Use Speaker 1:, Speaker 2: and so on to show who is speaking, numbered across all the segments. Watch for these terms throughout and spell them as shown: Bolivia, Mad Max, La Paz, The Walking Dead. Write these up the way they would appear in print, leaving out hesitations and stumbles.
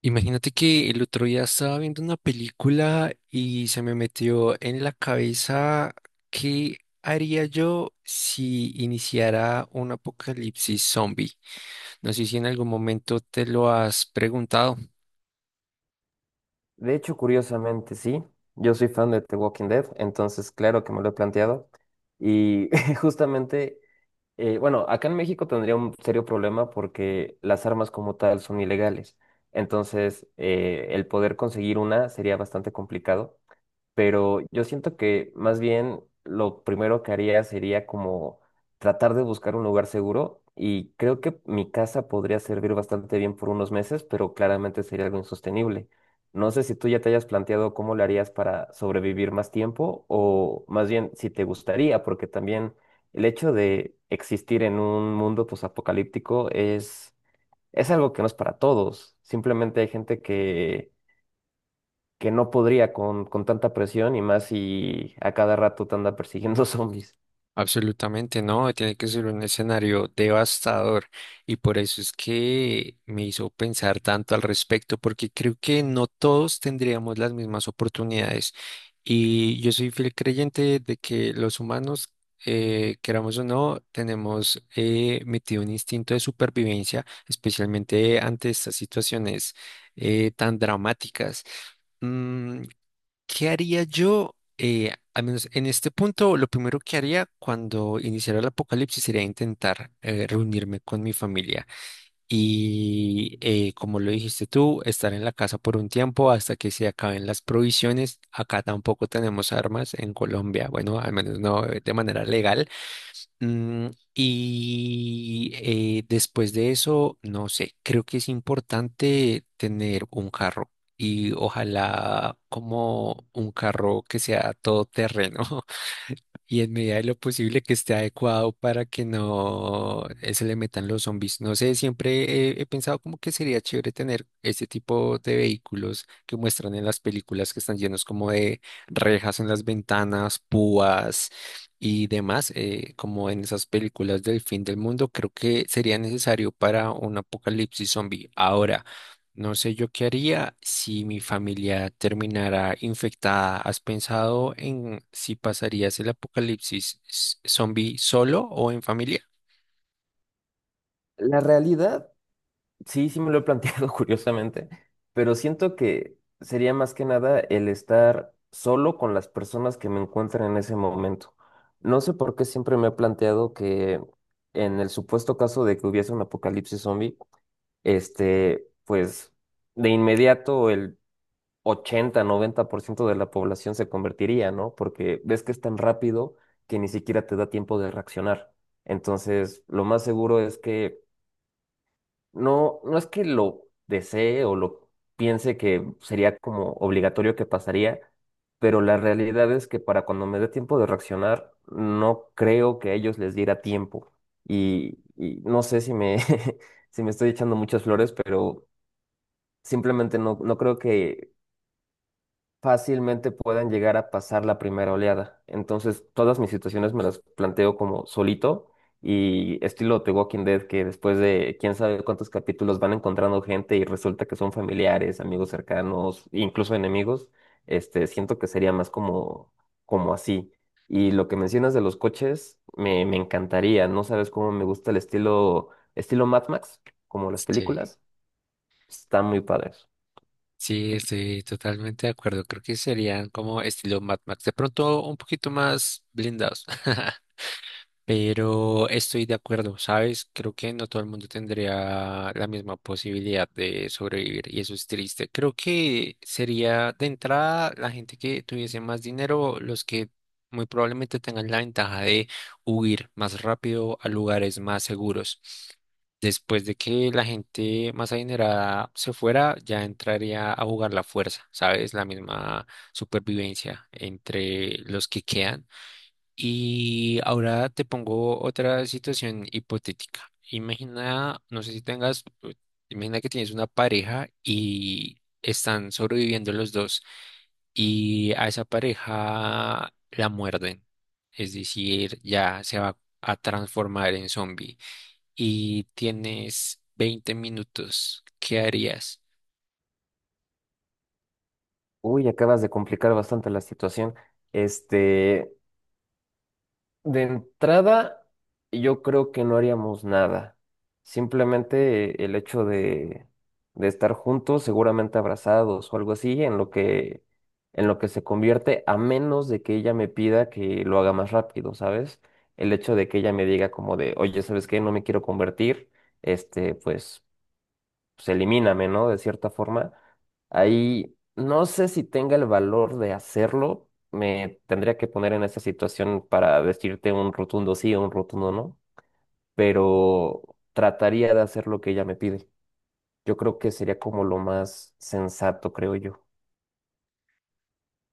Speaker 1: Imagínate que el otro día estaba viendo una película y se me metió en la cabeza qué haría yo si iniciara un apocalipsis zombie. No sé si en algún momento te lo has preguntado.
Speaker 2: De hecho, curiosamente, sí. Yo soy fan de The Walking Dead, entonces claro que me lo he planteado. Y justamente, bueno, acá en México tendría un serio problema porque las armas como tal son ilegales. Entonces, el poder conseguir una sería bastante complicado, pero yo siento que más bien lo primero que haría sería como tratar de buscar un lugar seguro y creo que mi casa podría servir bastante bien por unos meses, pero claramente sería algo insostenible. No sé si tú ya te hayas planteado cómo lo harías para sobrevivir más tiempo o más bien si te gustaría, porque también el hecho de existir en un mundo posapocalíptico es algo que no es para todos. Simplemente hay gente que no podría con tanta presión y más si a cada rato te anda persiguiendo zombies.
Speaker 1: Absolutamente no, tiene que ser un escenario devastador y por eso es que me hizo pensar tanto al respecto, porque creo que no todos tendríamos las mismas oportunidades y yo soy fiel creyente de que los humanos, queramos o no, tenemos metido un instinto de supervivencia, especialmente ante estas situaciones tan dramáticas. Mm, ¿Qué haría yo? Al menos en este punto, lo primero que haría cuando iniciara el apocalipsis sería intentar reunirme con mi familia y, como lo dijiste tú, estar en la casa por un tiempo hasta que se acaben las provisiones. Acá tampoco tenemos armas en Colombia, bueno, al menos no de manera legal. Mm, y después de eso, no sé, creo que es importante tener un carro y ojalá como un carro que sea todoterreno. Y en medida de lo posible que esté adecuado para que no se le metan los zombies. No sé, siempre he pensado como que sería chévere tener este tipo de vehículos que muestran en las películas que están llenos como de rejas en las ventanas, púas y demás, como en esas películas del fin del mundo. Creo que sería necesario para un apocalipsis zombie. Ahora. No sé yo qué haría si mi familia terminara infectada. ¿Has pensado en si pasarías el apocalipsis zombie solo o en familia?
Speaker 2: La realidad, sí me lo he planteado curiosamente, pero siento que sería más que nada el estar solo con las personas que me encuentran en ese momento. No sé por qué siempre me he planteado que en el supuesto caso de que hubiese un apocalipsis zombie, pues de inmediato el 80 90% de la población se convertiría, ¿no? Porque ves que es tan rápido que ni siquiera te da tiempo de reaccionar. Entonces, lo más seguro es que no es que lo desee o lo piense que sería como obligatorio que pasaría, pero la realidad es que para cuando me dé tiempo de reaccionar, no creo que a ellos les diera tiempo. Y no sé si me estoy echando muchas flores, pero simplemente no creo que fácilmente puedan llegar a pasar la primera oleada. Entonces, todas mis situaciones me las planteo como solito y estilo The Walking Dead, que después de quién sabe cuántos capítulos van encontrando gente y resulta que son familiares, amigos cercanos, incluso enemigos, siento que sería más como así. Y lo que mencionas de los coches, me encantaría. No sabes cómo me gusta estilo Mad Max, como las
Speaker 1: Sí,
Speaker 2: películas. Están muy padres.
Speaker 1: sí, estoy totalmente de acuerdo. Creo que serían como estilo Mad Max, de pronto un poquito más blindados. Pero estoy de acuerdo, ¿sabes? Creo que no todo el mundo tendría la misma posibilidad de sobrevivir y eso es triste. Creo que sería de entrada la gente que tuviese más dinero, los que muy probablemente tengan la ventaja de huir más rápido a lugares más seguros. Después de que la gente más adinerada se fuera, ya entraría a jugar la fuerza, ¿sabes? La misma supervivencia entre los que quedan. Y ahora te pongo otra situación hipotética. Imagina, no sé si tengas, imagina que tienes una pareja y están sobreviviendo los dos y a esa pareja la muerden. Es decir, ya se va a transformar en zombie y tienes 20 minutos. ¿Qué harías?
Speaker 2: Uy, acabas de complicar bastante la situación. Este, de entrada, yo creo que no haríamos nada. Simplemente el hecho de estar juntos, seguramente abrazados o algo así, en lo que se convierte, a menos de que ella me pida que lo haga más rápido, ¿sabes? El hecho de que ella me diga como de, oye, ¿sabes qué? No me quiero convertir. Pues pues elimíname, ¿no? De cierta forma. Ahí no sé si tenga el valor de hacerlo. Me tendría que poner en esa situación para decirte un rotundo sí o un rotundo no, pero trataría de hacer lo que ella me pide. Yo creo que sería como lo más sensato, creo yo.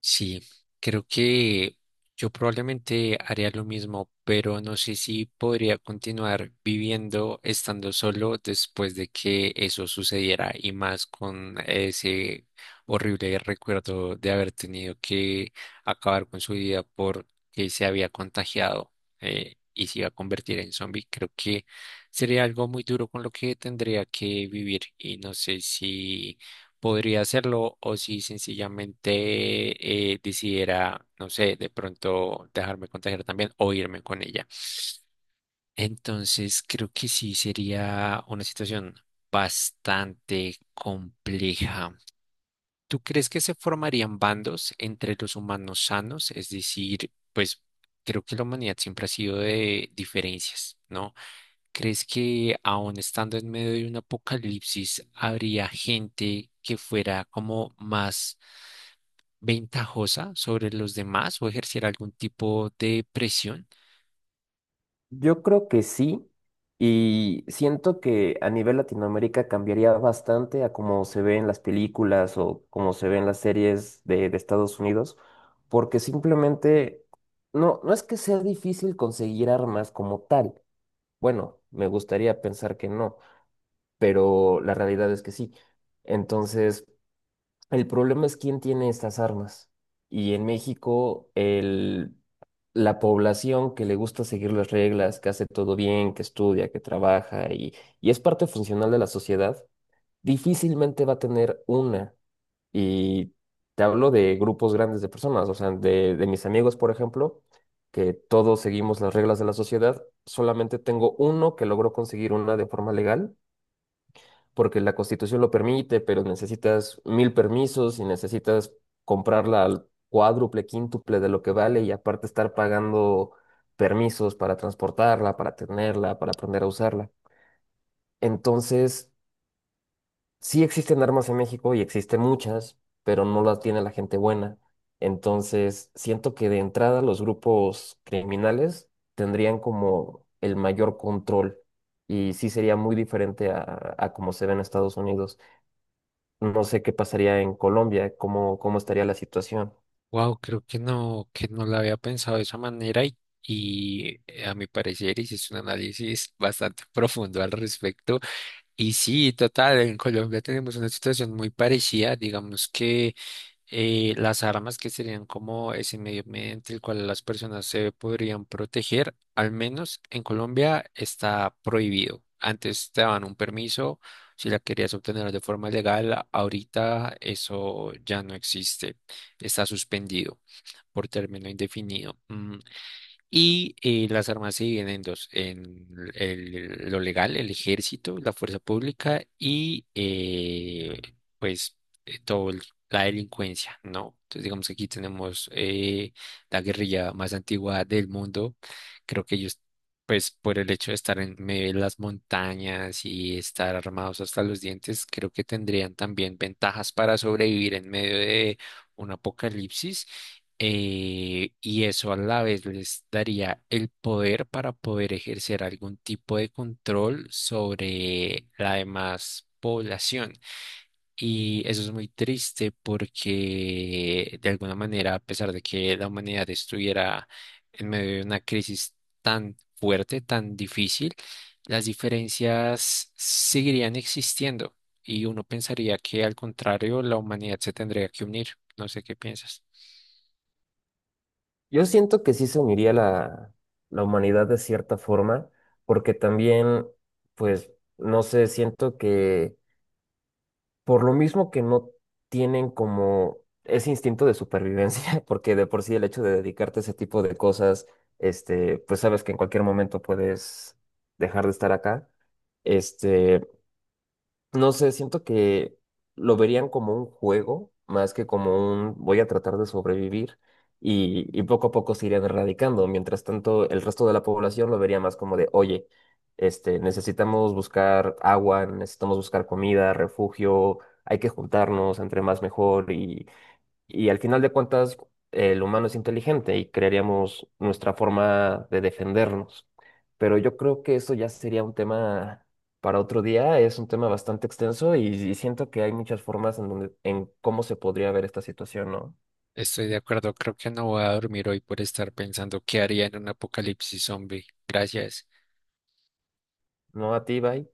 Speaker 1: Sí, creo que yo probablemente haría lo mismo, pero no sé si podría continuar viviendo estando solo después de que eso sucediera y más con ese horrible recuerdo de haber tenido que acabar con su vida porque se había contagiado, y se iba a convertir en zombie. Creo que sería algo muy duro con lo que tendría que vivir y no sé si podría hacerlo o si sencillamente decidiera, no sé, de pronto dejarme contagiar también o irme con ella. Entonces, creo que sí sería una situación bastante compleja. ¿Tú crees que se formarían bandos entre los humanos sanos? Es decir, pues creo que la humanidad siempre ha sido de diferencias, ¿no? ¿Crees que aún estando en medio de un apocalipsis habría gente que fuera como más ventajosa sobre los demás o ejercer algún tipo de presión?
Speaker 2: Yo creo que sí, y siento que a nivel Latinoamérica cambiaría bastante a cómo se ve en las películas o cómo se ve en las series de Estados Unidos, porque simplemente no es que sea difícil conseguir armas como tal. Bueno, me gustaría pensar que no, pero la realidad es que sí. Entonces, el problema es quién tiene estas armas. Y en México, la población que le gusta seguir las reglas, que hace todo bien, que estudia, que trabaja y es parte funcional de la sociedad, difícilmente va a tener una. Y te hablo de grupos grandes de personas, o sea, de mis amigos, por ejemplo, que todos seguimos las reglas de la sociedad, solamente tengo uno que logró conseguir una de forma legal porque la Constitución lo permite, pero necesitas mil permisos y necesitas comprarla al cuádruple, quíntuple de lo que vale y aparte estar pagando permisos para transportarla, para tenerla, para aprender a usarla. Entonces, sí existen armas en México y existen muchas, pero no las tiene la gente buena. Entonces, siento que de entrada los grupos criminales tendrían como el mayor control y sí sería muy diferente a como se ve en Estados Unidos. No sé qué pasaría en Colombia, cómo estaría la situación.
Speaker 1: Wow, creo que no la había pensado de esa manera y, y a mi parecer hiciste un análisis bastante profundo al respecto. Y sí, total, en Colombia tenemos una situación muy parecida, digamos que las armas que serían como ese medio mediante el cual las personas se podrían proteger, al menos en Colombia está prohibido. Antes te daban un permiso si la querías obtener de forma legal, ahorita eso ya no existe, está suspendido por término indefinido. Y las armas se dividen en dos, en lo legal, el ejército, la fuerza pública y pues todo la delincuencia, ¿no? Entonces digamos que aquí tenemos la guerrilla más antigua del mundo. Creo que ellos, pues por el hecho de estar en medio de las montañas y estar armados hasta los dientes, creo que tendrían también ventajas para sobrevivir en medio de un apocalipsis, y eso a la vez les daría el poder para poder ejercer algún tipo de control sobre la demás población. Y eso es muy triste porque de alguna manera, a pesar de que la humanidad estuviera en medio de una crisis tan fuerte, tan difícil, las diferencias seguirían existiendo. Y uno pensaría que al contrario, la humanidad se tendría que unir. No sé qué piensas.
Speaker 2: Yo siento que sí se uniría la humanidad de cierta forma, porque también, pues, no sé, siento que por lo mismo que no tienen como ese instinto de supervivencia, porque de por sí el hecho de dedicarte a ese tipo de cosas, pues sabes que en cualquier momento puedes dejar de estar acá. Este, No sé, siento que lo verían como un juego, más que como un voy a tratar de sobrevivir y poco a poco se irían erradicando. Mientras tanto, el resto de la población lo vería más como de, oye, necesitamos buscar agua, necesitamos buscar comida, refugio, hay que juntarnos, entre más mejor y al final de cuentas, el humano es inteligente y crearíamos nuestra forma de defendernos. Pero yo creo que eso ya sería un tema para otro día, es un tema bastante extenso y siento que hay muchas formas en donde, en cómo se podría ver esta situación, ¿no?
Speaker 1: Estoy de acuerdo, creo que no voy a dormir hoy por estar pensando qué haría en un apocalipsis zombie. Gracias.
Speaker 2: ¿No a ti, Bai?